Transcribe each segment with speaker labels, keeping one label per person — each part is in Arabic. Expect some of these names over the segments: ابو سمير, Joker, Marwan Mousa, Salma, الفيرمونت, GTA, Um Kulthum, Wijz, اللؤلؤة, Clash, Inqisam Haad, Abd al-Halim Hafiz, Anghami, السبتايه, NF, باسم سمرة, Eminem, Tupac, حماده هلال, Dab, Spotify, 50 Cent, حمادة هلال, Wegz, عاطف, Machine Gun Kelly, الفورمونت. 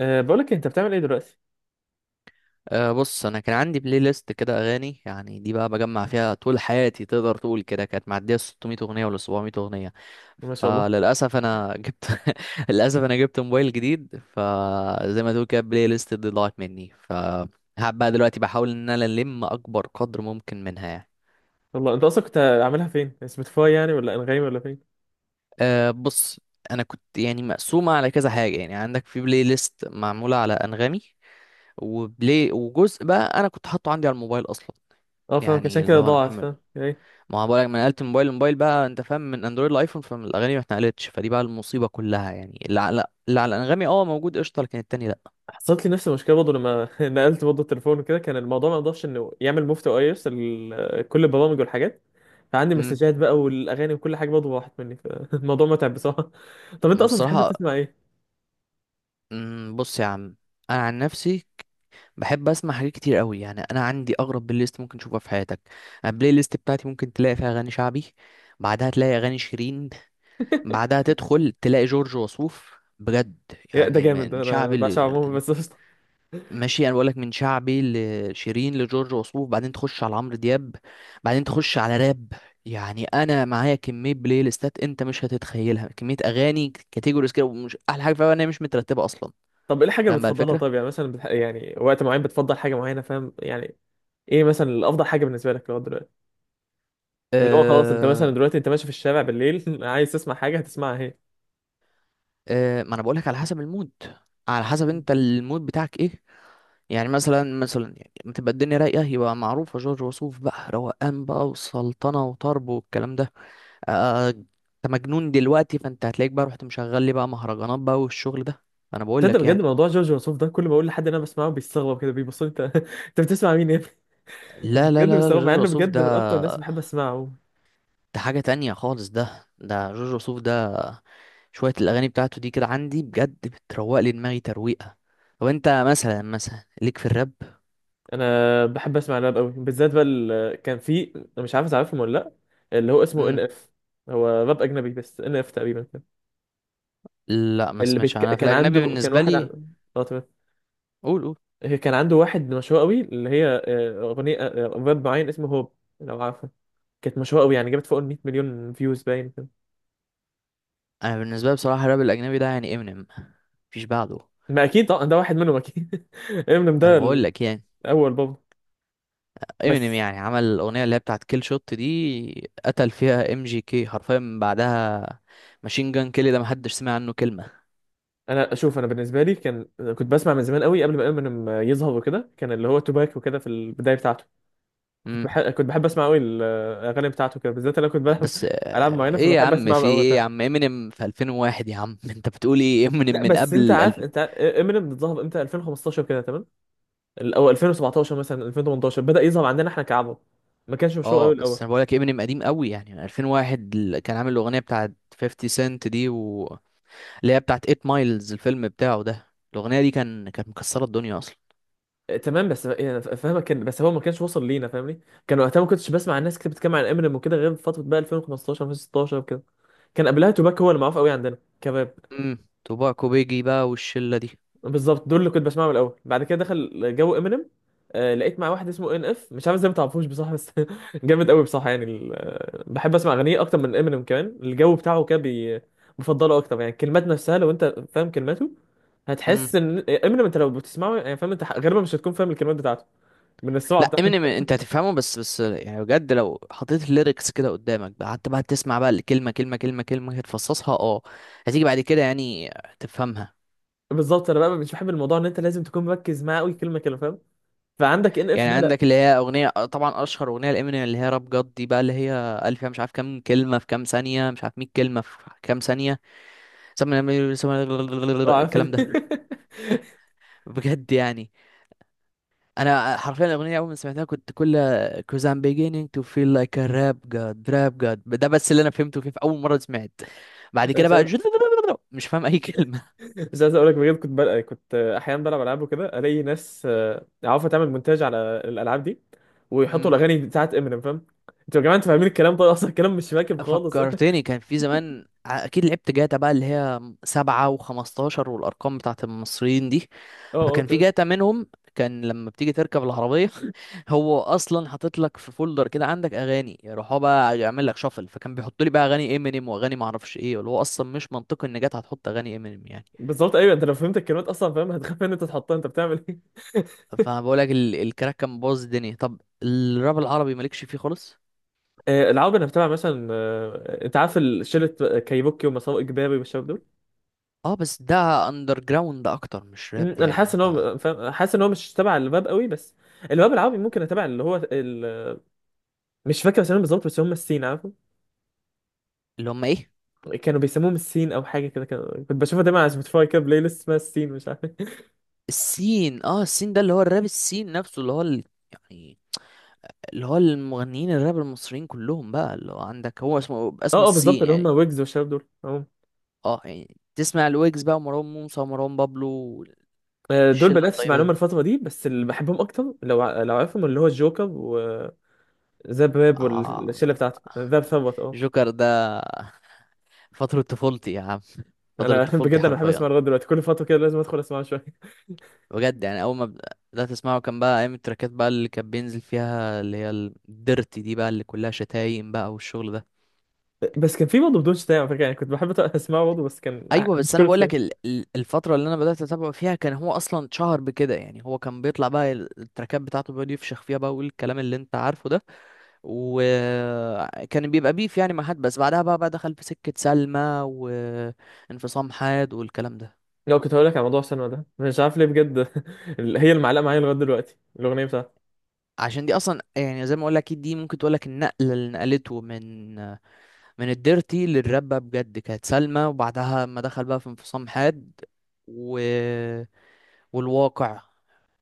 Speaker 1: أه بقولك انت بتعمل ايه دلوقتي؟
Speaker 2: أه بص، انا كان عندي بلاي ليست كده اغاني. يعني دي بقى بجمع فيها طول حياتي، تقدر تقول كده. كانت معديه 600 اغنيه ولا 700 اغنيه.
Speaker 1: ما شاء الله.
Speaker 2: فللاسف انا جبت للاسف انا جبت موبايل جديد، فزي ما تقول كده البلاي ليست دي ضاعت مني. فهب بقى دلوقتي بحاول ان انا الم اكبر قدر ممكن منها يعني.
Speaker 1: والله انت اصلا كنت عاملها فين، سبوتيفاي ولا انغامي ولا فين؟
Speaker 2: أه بص، انا كنت يعني مقسومه على كذا حاجه. يعني عندك في بلاي ليست معموله على انغامي وبلاي، وجزء بقى انا كنت حاطه عندي على الموبايل اصلا.
Speaker 1: اه فاهمك،
Speaker 2: يعني
Speaker 1: عشان
Speaker 2: اللي
Speaker 1: كده
Speaker 2: هو انا
Speaker 1: ضاعت،
Speaker 2: محمل.
Speaker 1: فاهم، ايه.
Speaker 2: ما هو بقولك، ما نقلت من موبايل لموبايل بقى، انت فاهم، من اندرويد لايفون، فالاغاني ما اتنقلتش. فدي بقى المصيبه كلها. يعني اللي على انغامي اه موجود قشطه، لكن التاني لا.
Speaker 1: حصلت لي نفس المشكله برضه لما نقلت برضه التليفون وكده، كان الموضوع ما يقدرش انه يعمل مفتو او يرسل كل البرامج والحاجات، فعندي
Speaker 2: امم
Speaker 1: مسجات بقى والاغاني وكل حاجه برضه راحت مني، فالموضوع متعب بصراحه. طب انت اصلا بتحب
Speaker 2: بصراحه،
Speaker 1: تسمع ايه؟
Speaker 2: بص يا عم، انا عن نفسي بحب اسمع حاجات كتير قوي. يعني انا عندي اغرب بلاي ليست ممكن تشوفها في حياتك. أنا البلاي ليست بتاعتي ممكن تلاقي فيها اغاني شعبي، بعدها تلاقي اغاني شيرين، بعدها تدخل تلاقي جورج وسوف، بجد.
Speaker 1: يا ده
Speaker 2: يعني
Speaker 1: جامد، ده
Speaker 2: من
Speaker 1: انا
Speaker 2: شعبي،
Speaker 1: بعشق عموما، بس قشطة.
Speaker 2: ماشي، انا بقولك، من شعبي لشيرين لجورج وسوف، بعدين تخش على عمرو دياب، بعدين تخش على راب. يعني انا معايا كميه بلاي ليستات انت مش هتتخيلها، كميه اغاني كاتيجوريز كده، ومش احلى حاجه فيها ان هي مش مترتبه اصلا.
Speaker 1: طب ايه الحاجه اللي
Speaker 2: فاهم بقى
Speaker 1: بتفضلها؟
Speaker 2: الفكره.
Speaker 1: طب مثلا يعني وقت معين بتفضل حاجه معينه، فاهم ايه مثلا الافضل حاجه بالنسبه لك؟ لو اللي هو خلاص انت مثلا
Speaker 2: أه،
Speaker 1: دلوقتي انت ماشي في الشارع بالليل عايز تسمع حاجه، هتسمعها اهي.
Speaker 2: أه، ما انا بقولك على حسب المود، على حسب انت المود بتاعك ايه. يعني مثلا مثلا، يعني لما تبقى الدنيا رايقه، يبقى معروفه جورج وسوف بقى، روقان بقى وسلطنه وطرب والكلام ده. انت مجنون دلوقتي، فانت هتلاقيك بقى رحت مشغل لي بقى مهرجانات بقى والشغل ده. انا بقول
Speaker 1: تصدق
Speaker 2: لك
Speaker 1: بجد
Speaker 2: يعني.
Speaker 1: موضوع جورج وسوف ده، كل ما اقول لحد إن انا بسمعه بيستغرب كده، بيبص لي، انت بتسمع مين يا ابني؟
Speaker 2: لا لا
Speaker 1: بجد
Speaker 2: لا لا،
Speaker 1: بيستغرب مع
Speaker 2: جورج
Speaker 1: انه
Speaker 2: وسوف
Speaker 1: بجد
Speaker 2: ده
Speaker 1: من اكتر الناس بحب اسمعه.
Speaker 2: ده حاجة تانية خالص. ده جورج وسوف ده شوية الأغاني بتاعته دي كده عندي بجد بتروق لي دماغي ترويقة. طب أنت مثلا مثلا ليك في الراب؟
Speaker 1: انا بحب اسمع راب قوي بالذات، بقى كان في، أنا مش عارف تعرفهم ولا لا، اللي هو اسمه ان
Speaker 2: مم.
Speaker 1: اف، هو راب اجنبي بس. ان اف تقريبا كده.
Speaker 2: لا ما سمعتش أنا في
Speaker 1: كان عنده
Speaker 2: الأجنبي
Speaker 1: كان
Speaker 2: بالنسبة
Speaker 1: واحد
Speaker 2: لي.
Speaker 1: اه تمام.
Speaker 2: قول قول.
Speaker 1: هي كان عنده واحد مشهور قوي، اللي هي اغنيه، راب معين اسمه هوب، لو عارفه. كانت مشهورة قوي، يعني جابت فوق ال 100 مليون فيوز باين كده.
Speaker 2: أنا بالنسبة لي بصراحة الراب الأجنبي ده يعني امينيم، مفيش بعده.
Speaker 1: ما اكيد طبعا ده واحد منهم اكيد، امينيم
Speaker 2: أنا
Speaker 1: ده
Speaker 2: بقول لك
Speaker 1: الاول
Speaker 2: يعني،
Speaker 1: برضه.
Speaker 2: امينيم
Speaker 1: بس
Speaker 2: يعني عمل الاغنيه اللي هي بتاعت كيل شوت دي، قتل فيها ام جي كي حرفيا. من بعدها ماشين جان كيلي ده محدش سمع عنه كلمه.
Speaker 1: انا اشوف، انا بالنسبه لي كان كنت بسمع من زمان قوي قبل ما امينيم يظهر وكده، كان اللي هو توباك وكده في البدايه بتاعته. كنت
Speaker 2: امم،
Speaker 1: بحب كنت بحب اسمع قوي الاغاني بتاعته كده بالذات. انا كنت بلعب
Speaker 2: بس
Speaker 1: العاب معينه
Speaker 2: ايه يا
Speaker 1: فبحب
Speaker 2: عم،
Speaker 1: اسمعها
Speaker 2: في
Speaker 1: قوي
Speaker 2: ايه يا
Speaker 1: بتاع.
Speaker 2: عم، امينيم في 2001 يا عم انت بتقول ايه، امينيم
Speaker 1: لا
Speaker 2: من
Speaker 1: بس انت
Speaker 2: قبل
Speaker 1: عارف، انت امينيم ظهر امتى؟ 2015 كده تمام، او 2017، مثلا 2018 بدا يظهر عندنا احنا كعرب، ما كانش مشهور
Speaker 2: اه
Speaker 1: قوي
Speaker 2: بس
Speaker 1: الاول.
Speaker 2: انا بقولك امينيم قديم قوي، يعني من 2001 اللي كان عامل الاغنيه بتاعت 50 سنت دي اللي هي بتاعت 8 مايلز الفيلم بتاعه ده. الاغنيه دي كانت مكسره الدنيا اصلا.
Speaker 1: تمام بس يعني فاهمك، كان بس هو ما كانش وصل لينا، فاهمني. كان وقتها ما كنتش بسمع الناس كتير بتتكلم عن امينيم وكده، غير في فتره بقى 2015، 2016 وكده. كان قبلها توباك هو اللي معروف قوي عندنا كباب.
Speaker 2: امم، توباكو بيجي بقى والشله دي.
Speaker 1: بالظبط دول اللي كنت بسمعهم الاول، بعد كده دخل جو امينيم. آه لقيت مع واحد اسمه ان اف، مش عارف ازاي ما تعرفوش بصراحه، بس جامد قوي بصراحه يعني، بحب اسمع اغانيه اكتر من امينيم كمان، الجو بتاعه كده بفضله اكتر. يعني الكلمات نفسها لو انت فاهم كلماته، هتحس ان امينيم انت لو بتسمعه، يعني فاهم، انت غالبا مش هتكون فاهم الكلمات بتاعته من السرعه.
Speaker 2: لا، امينيم انت هتفهمه، بس بس يعني بجد لو حطيت الليركس كده قدامك بقى، قعدت بقى تسمع بقى الكلمه كلمه كلمه كلمه، هتفصصها، اه. هتيجي بعد كده يعني تفهمها.
Speaker 1: بالظبط، انا بقى مش بحب الموضوع ان انت لازم تكون مركز معاه قوي كلمه كلمه، فاهم، فعندك ان اف
Speaker 2: يعني
Speaker 1: ده لا.
Speaker 2: عندك اللي هي اغنيه طبعا اشهر اغنيه لامينيم، اللي هي راب جاد دي بقى، اللي هي قال فيها مش عارف كام كلمه في كام ثانيه، مش عارف 100 كلمه في كام ثانيه. سم-
Speaker 1: اه عارف
Speaker 2: الكلام
Speaker 1: دي.
Speaker 2: ده بجد يعني. انا حرفيا الاغنيه اول ما سمعتها كنت كل cause I'm beginning to feel like a rap god rap god، ده بس اللي انا فهمته فيه في اول مره سمعت. بعد كده
Speaker 1: مش
Speaker 2: بقى
Speaker 1: عايز
Speaker 2: مش فاهم اي كلمه.
Speaker 1: مش عايز اقول لك بجد، كنت بلقى، كنت احيانا بلعب العاب وكده، الاقي ناس عارفه تعمل مونتاج على الالعاب دي، ويحطوا
Speaker 2: مم.
Speaker 1: الاغاني بتاعت امينيم، فاهم. انتوا يا جماعه انتوا فاهمين الكلام طيب اصلا؟ الكلام مش راكب خالص. اه.
Speaker 2: فكرتني، كان في زمان اكيد لعبت جاتا بقى، اللي هي سبعة وخمستاشر والارقام بتاعت المصريين دي.
Speaker 1: اه
Speaker 2: فكان في
Speaker 1: تمام.
Speaker 2: جاتا منهم، كان لما بتيجي تركب العربية هو اصلا حاطط لك في فولدر كده عندك اغاني، يروح هو بقى يعمل لك شفل. فكان بيحط لي بقى اغاني امينيم واغاني معرفش ايه، اللي هو اصلا مش منطقي ان جاتا هتحط اغاني امينيم يعني.
Speaker 1: بالظبط، ايوه، انت لو فهمت الكلمات اصلا فاهم، هتخاف ان انت تحطها، انت بتعمل ايه.
Speaker 2: فبقول لك، الكراك كان باظ الدنيا. طب الراب العربي مالكش فيه خالص؟
Speaker 1: العاب انا بتابع مثلا، انت عارف شله كايبوكي ومساو اجباري والشباب دول.
Speaker 2: اه بس ده اندر جراوند اكتر، مش راب
Speaker 1: انا حاسس
Speaker 2: يعني
Speaker 1: ان
Speaker 2: ده.
Speaker 1: هو فاهم، حاسس ان هو مش تبع الباب قوي، بس الباب العربي ممكن تبع اللي هو مش فاكر اسمهم بالظبط بس هم السين، عارفه.
Speaker 2: اللي هم ايه؟
Speaker 1: كانوا بيسموهم السين او حاجه كده، كنت بشوفها دايما على سبوتيفاي كده بلاي ليست اسمها السين، مش عارف إيه.
Speaker 2: السين، اه السين ده اللي هو الراب. السين نفسه اللي هو يعني اللي هو المغنيين الراب المصريين كلهم بقى، اللي هو عندك هو اسمه اسمه
Speaker 1: اه اه بالظبط،
Speaker 2: السين
Speaker 1: اللي هم
Speaker 2: يعني.
Speaker 1: ويجز والشباب دول اهو.
Speaker 2: اه يعني تسمع الويجز بقى ومروان موسى ومروان بابلو.
Speaker 1: دول
Speaker 2: الشلة
Speaker 1: بدات اسمع
Speaker 2: الطيبة
Speaker 1: لهم
Speaker 2: دي.
Speaker 1: الفتره دي، بس اللي بحبهم اكتر لو لو عارفهم، اللي هو الجوكر وذاب راب،
Speaker 2: اه،
Speaker 1: والشله بتاعته ذاب ثروت اه.
Speaker 2: جوكر ده فترة طفولتي يا عم، فترة
Speaker 1: انا
Speaker 2: طفولتي
Speaker 1: بجد انا بحب
Speaker 2: حرفيا.
Speaker 1: اسمع لغايه دلوقتي، كل فتره كده لازم ادخل اسمعه شويه.
Speaker 2: بجد يعني، أول ما بدأت أسمعه كان بقى أيام التراكات بقى، اللي كان بينزل فيها، اللي هي الديرتي دي بقى، اللي كلها شتايم بقى والشغل ده.
Speaker 1: بس كان في برضه بدون شتايم على فكره يعني، كنت بحب اسمعه برضه، بس كان
Speaker 2: ايوه،
Speaker 1: مش
Speaker 2: بس انا
Speaker 1: كل
Speaker 2: بقول لك
Speaker 1: شويه.
Speaker 2: الفتره اللي انا بدات اتابعه فيها، كان هو اصلا شهر بكده. يعني هو كان بيطلع بقى التراكات بتاعته، بيقعد يفشخ فيها بقى والكلام اللي انت عارفه ده. وكان بيبقى بيف يعني مع حد، بس بعدها بقى دخل في سكه سلمى، وانفصام حاد، والكلام ده.
Speaker 1: لو كنت هقول لك على موضوع السينما ده، مش عارف ليه بجد، هي المعلقه معايا لغايه دلوقتي الاغنيه بتاعتها.
Speaker 2: عشان دي اصلا، يعني زي ما اقول لك، دي ممكن تقول لك النقله اللي نقلته من الديرتي للراب بقى، بجد كانت سلمى. وبعدها ما دخل بقى في انفصام حاد، و... والواقع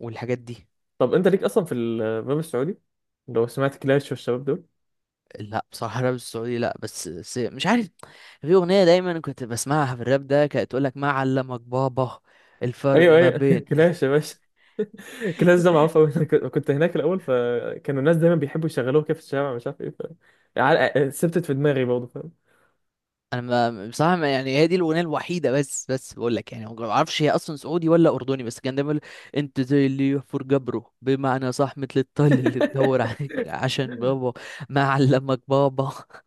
Speaker 2: والحاجات دي.
Speaker 1: طب انت ليك اصلا في الباب السعودي؟ لو سمعت كلاش والشباب دول.
Speaker 2: لا بصراحة الراب السعودي لا، بس، بس مش عارف، في أغنية دايما كنت بسمعها في الراب ده، كانت تقول لك ما علمك بابا. الفرق
Speaker 1: ايوه
Speaker 2: ما
Speaker 1: ايوه،
Speaker 2: بين
Speaker 1: كلاش يا باشا. كلاش ده معروف قوي، كنت هناك الاول، فكانوا الناس دايما بيحبوا يشغلوه كده في الشارع، مش عارف ايه، سبتت في دماغي برضه، فاهم.
Speaker 2: انا ما بصراحة ما يعني، هي دي الأغنية الوحيدة. بس بس بقول لك يعني ما اعرفش هي اصلا سعودي ولا أردني، بس كان دايما يقول انت زي اللي يحفر جبره بمعنى صح، مثل الطل اللي تدور عليك عشان بابا، ما علمك بابا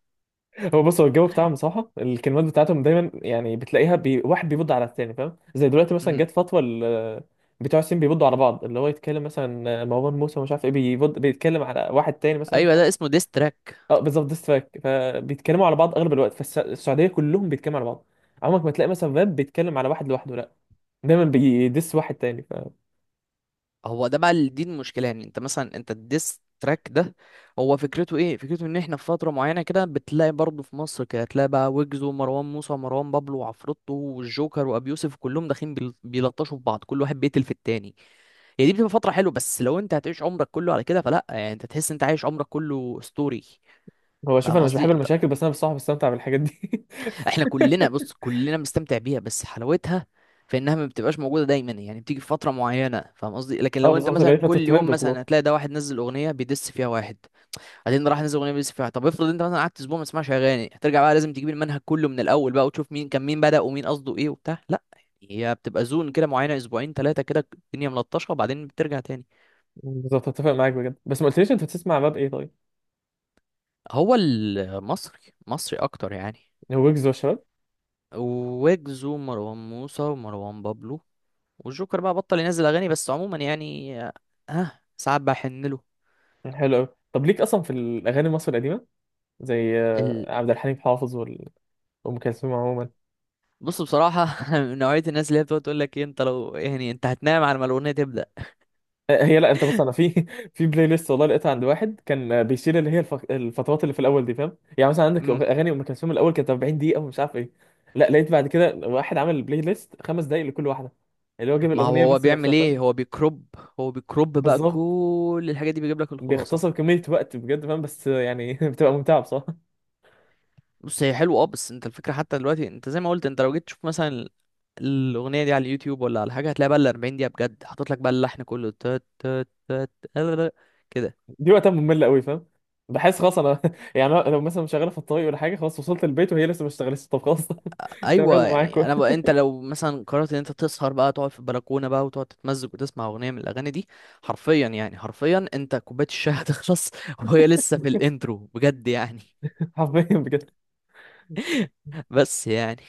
Speaker 1: هو بص، هو الجو بتاعهم بصراحه، الكلمات بتاعتهم دايما يعني بتلاقيها واحد بيبض على التاني، فاهم، زي دلوقتي مثلا
Speaker 2: أمم.
Speaker 1: جت فتوى بتوع الصين بيبضوا على بعض، اللي هو يتكلم مثلا مروان موسى ومش عارف ايه بيبض، بيتكلم على واحد تاني مثلا،
Speaker 2: ايوه
Speaker 1: فاهم؟
Speaker 2: ده اسمه ديستراك.
Speaker 1: اه بالظبط، ديس تراك، فبيتكلموا على بعض اغلب الوقت. فالسعوديه كلهم بيتكلموا على بعض، عمرك ما تلاقي مثلا فاب بيتكلم على واحد لوحده، لا، دايما بيدس واحد تاني.
Speaker 2: هو ده بقى دي المشكله. يعني انت مثلا انت الديس تراك ده هو فكرته ايه؟ فكرته ان احنا في فتره معينه كده بتلاقي برضه في مصر كده، تلاقي بقى ويجز ومروان موسى ومروان بابلو وعفروتو والجوكر وابي يوسف كلهم داخلين بيلطشوا في بعض، كل واحد بيقتل في التاني. هي دي بتبقى فتره حلوه، بس لو انت هتعيش عمرك كله على كده فلا، يعني انت تحس انت عايش عمرك كله ستوري.
Speaker 1: فهو شوف،
Speaker 2: فاهم
Speaker 1: انا مش بحب
Speaker 2: قصدي انت؟
Speaker 1: المشاكل، بس انا بصراحه بستمتع بالحاجات دي.
Speaker 2: احنا كلنا، بص، كلنا بنستمتع بيها، بس حلاوتها في انها ما بتبقاش موجوده دايما. يعني بتيجي في فتره معينه، فاهم قصدي؟ لكن
Speaker 1: اه
Speaker 2: لو انت
Speaker 1: بالظبط، اللي هي
Speaker 2: مثلا
Speaker 1: فترة
Speaker 2: كل
Speaker 1: ترند
Speaker 2: يوم
Speaker 1: وخلاص.
Speaker 2: مثلا هتلاقي ده واحد نزل اغنيه بيدس فيها واحد، بعدين راح نزل اغنيه بيدس فيها واحد. طب افرض انت مثلا قعدت اسبوع ما تسمعش اغاني، هترجع بقى لازم تجيب المنهج كله من الاول بقى، وتشوف مين كان مين، بدأ ومين قصده ايه وبتاع، لا. هي بتبقى زون كده معينه، اسبوعين ثلاثه كده الدنيا ملطشه وبعدين بترجع تاني.
Speaker 1: بالظبط، اتفق معاك بجد، بس ما قلتليش انت بتسمع راب ايه طيب؟
Speaker 2: هو المصري، مصري اكتر يعني.
Speaker 1: ويجز والشباب.
Speaker 2: ويجز ومروان موسى ومروان بابلو والجوكر بقى بطل ينزل اغاني، بس عموما يعني، ها، آه، ساعات بحن له.
Speaker 1: حلو قوي. طب ليك اصلا في الاغاني المصري القديمه، زي
Speaker 2: ال...
Speaker 1: عبد الحليم حافظ وام كلثوم عموما؟
Speaker 2: بص بصراحه أنا من نوعيه الناس اللي هي بتقعد تقول لك إيه، انت لو يعني انت هتنام على ما الاغنيه تبدا.
Speaker 1: هي لا انت بص، انا في في بلاي ليست والله لقيتها عند واحد كان بيشيل اللي هي الفترات اللي في الاول دي، فاهم، يعني مثلا عندك
Speaker 2: امم،
Speaker 1: اغاني ام كلثوم الاول كانت 40 دقيقه ومش عارف ايه. لا لقيت بعد كده واحد عمل بلاي ليست 5 دقائق لكل واحده، اللي هو جاب
Speaker 2: ما هو
Speaker 1: الاغنيه
Speaker 2: هو
Speaker 1: بس نفسها،
Speaker 2: بيعمل ايه،
Speaker 1: فاهم.
Speaker 2: هو بيكروب، هو بيكروب بقى
Speaker 1: بالظبط،
Speaker 2: كل الحاجات دي، بيجيب لك الخلاصه.
Speaker 1: بيختصر كميه وقت بجد، فاهم، بس بتبقى ممتعه بصراحه.
Speaker 2: بص هي حلوه اه، بس انت الفكره، حتى دلوقتي انت زي ما قلت، انت لو جيت تشوف مثلا الاغنيه دي على اليوتيوب ولا على حاجه، هتلاقي بقى ال 40 دقيقه بجد حاطط لك بقى اللحن كله، تات تات تات، كده.
Speaker 1: دي وقتها مملة قوي، فاهم، بحس خلاص انا، يعني أنا لو مثلا شغاله في الطريق ولا حاجه، خلاص وصلت البيت وهي لسه ما اشتغلتش، طب خلاص. تمام
Speaker 2: ايوه
Speaker 1: يلا معاكم.
Speaker 2: يعني انا بقى، انت لو مثلا قررت ان انت تسهر بقى، تقعد في البلكونه بقى وتقعد تتمزج وتسمع اغنيه من الاغاني دي، حرفيا يعني حرفيا انت كوبايه الشاي هتخلص وهي لسه في الانترو، بجد يعني.
Speaker 1: حرفيا بجد.
Speaker 2: بس يعني،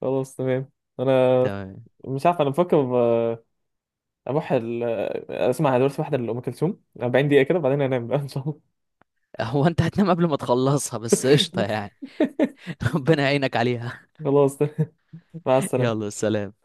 Speaker 1: خلاص تمام. انا
Speaker 2: تمام.
Speaker 1: مش عارف، انا بفكر آه، اروح ال- آه، اسمع دلوقتي واحده لام كلثوم 40 دقيقه كده بعدين انام بقى ان شاء الله.
Speaker 2: هو انت هتنام قبل ما تخلصها، بس قشطه يعني ربنا يعينك عليها.
Speaker 1: خلاص تمام. مع السلامه.
Speaker 2: يلا سلام.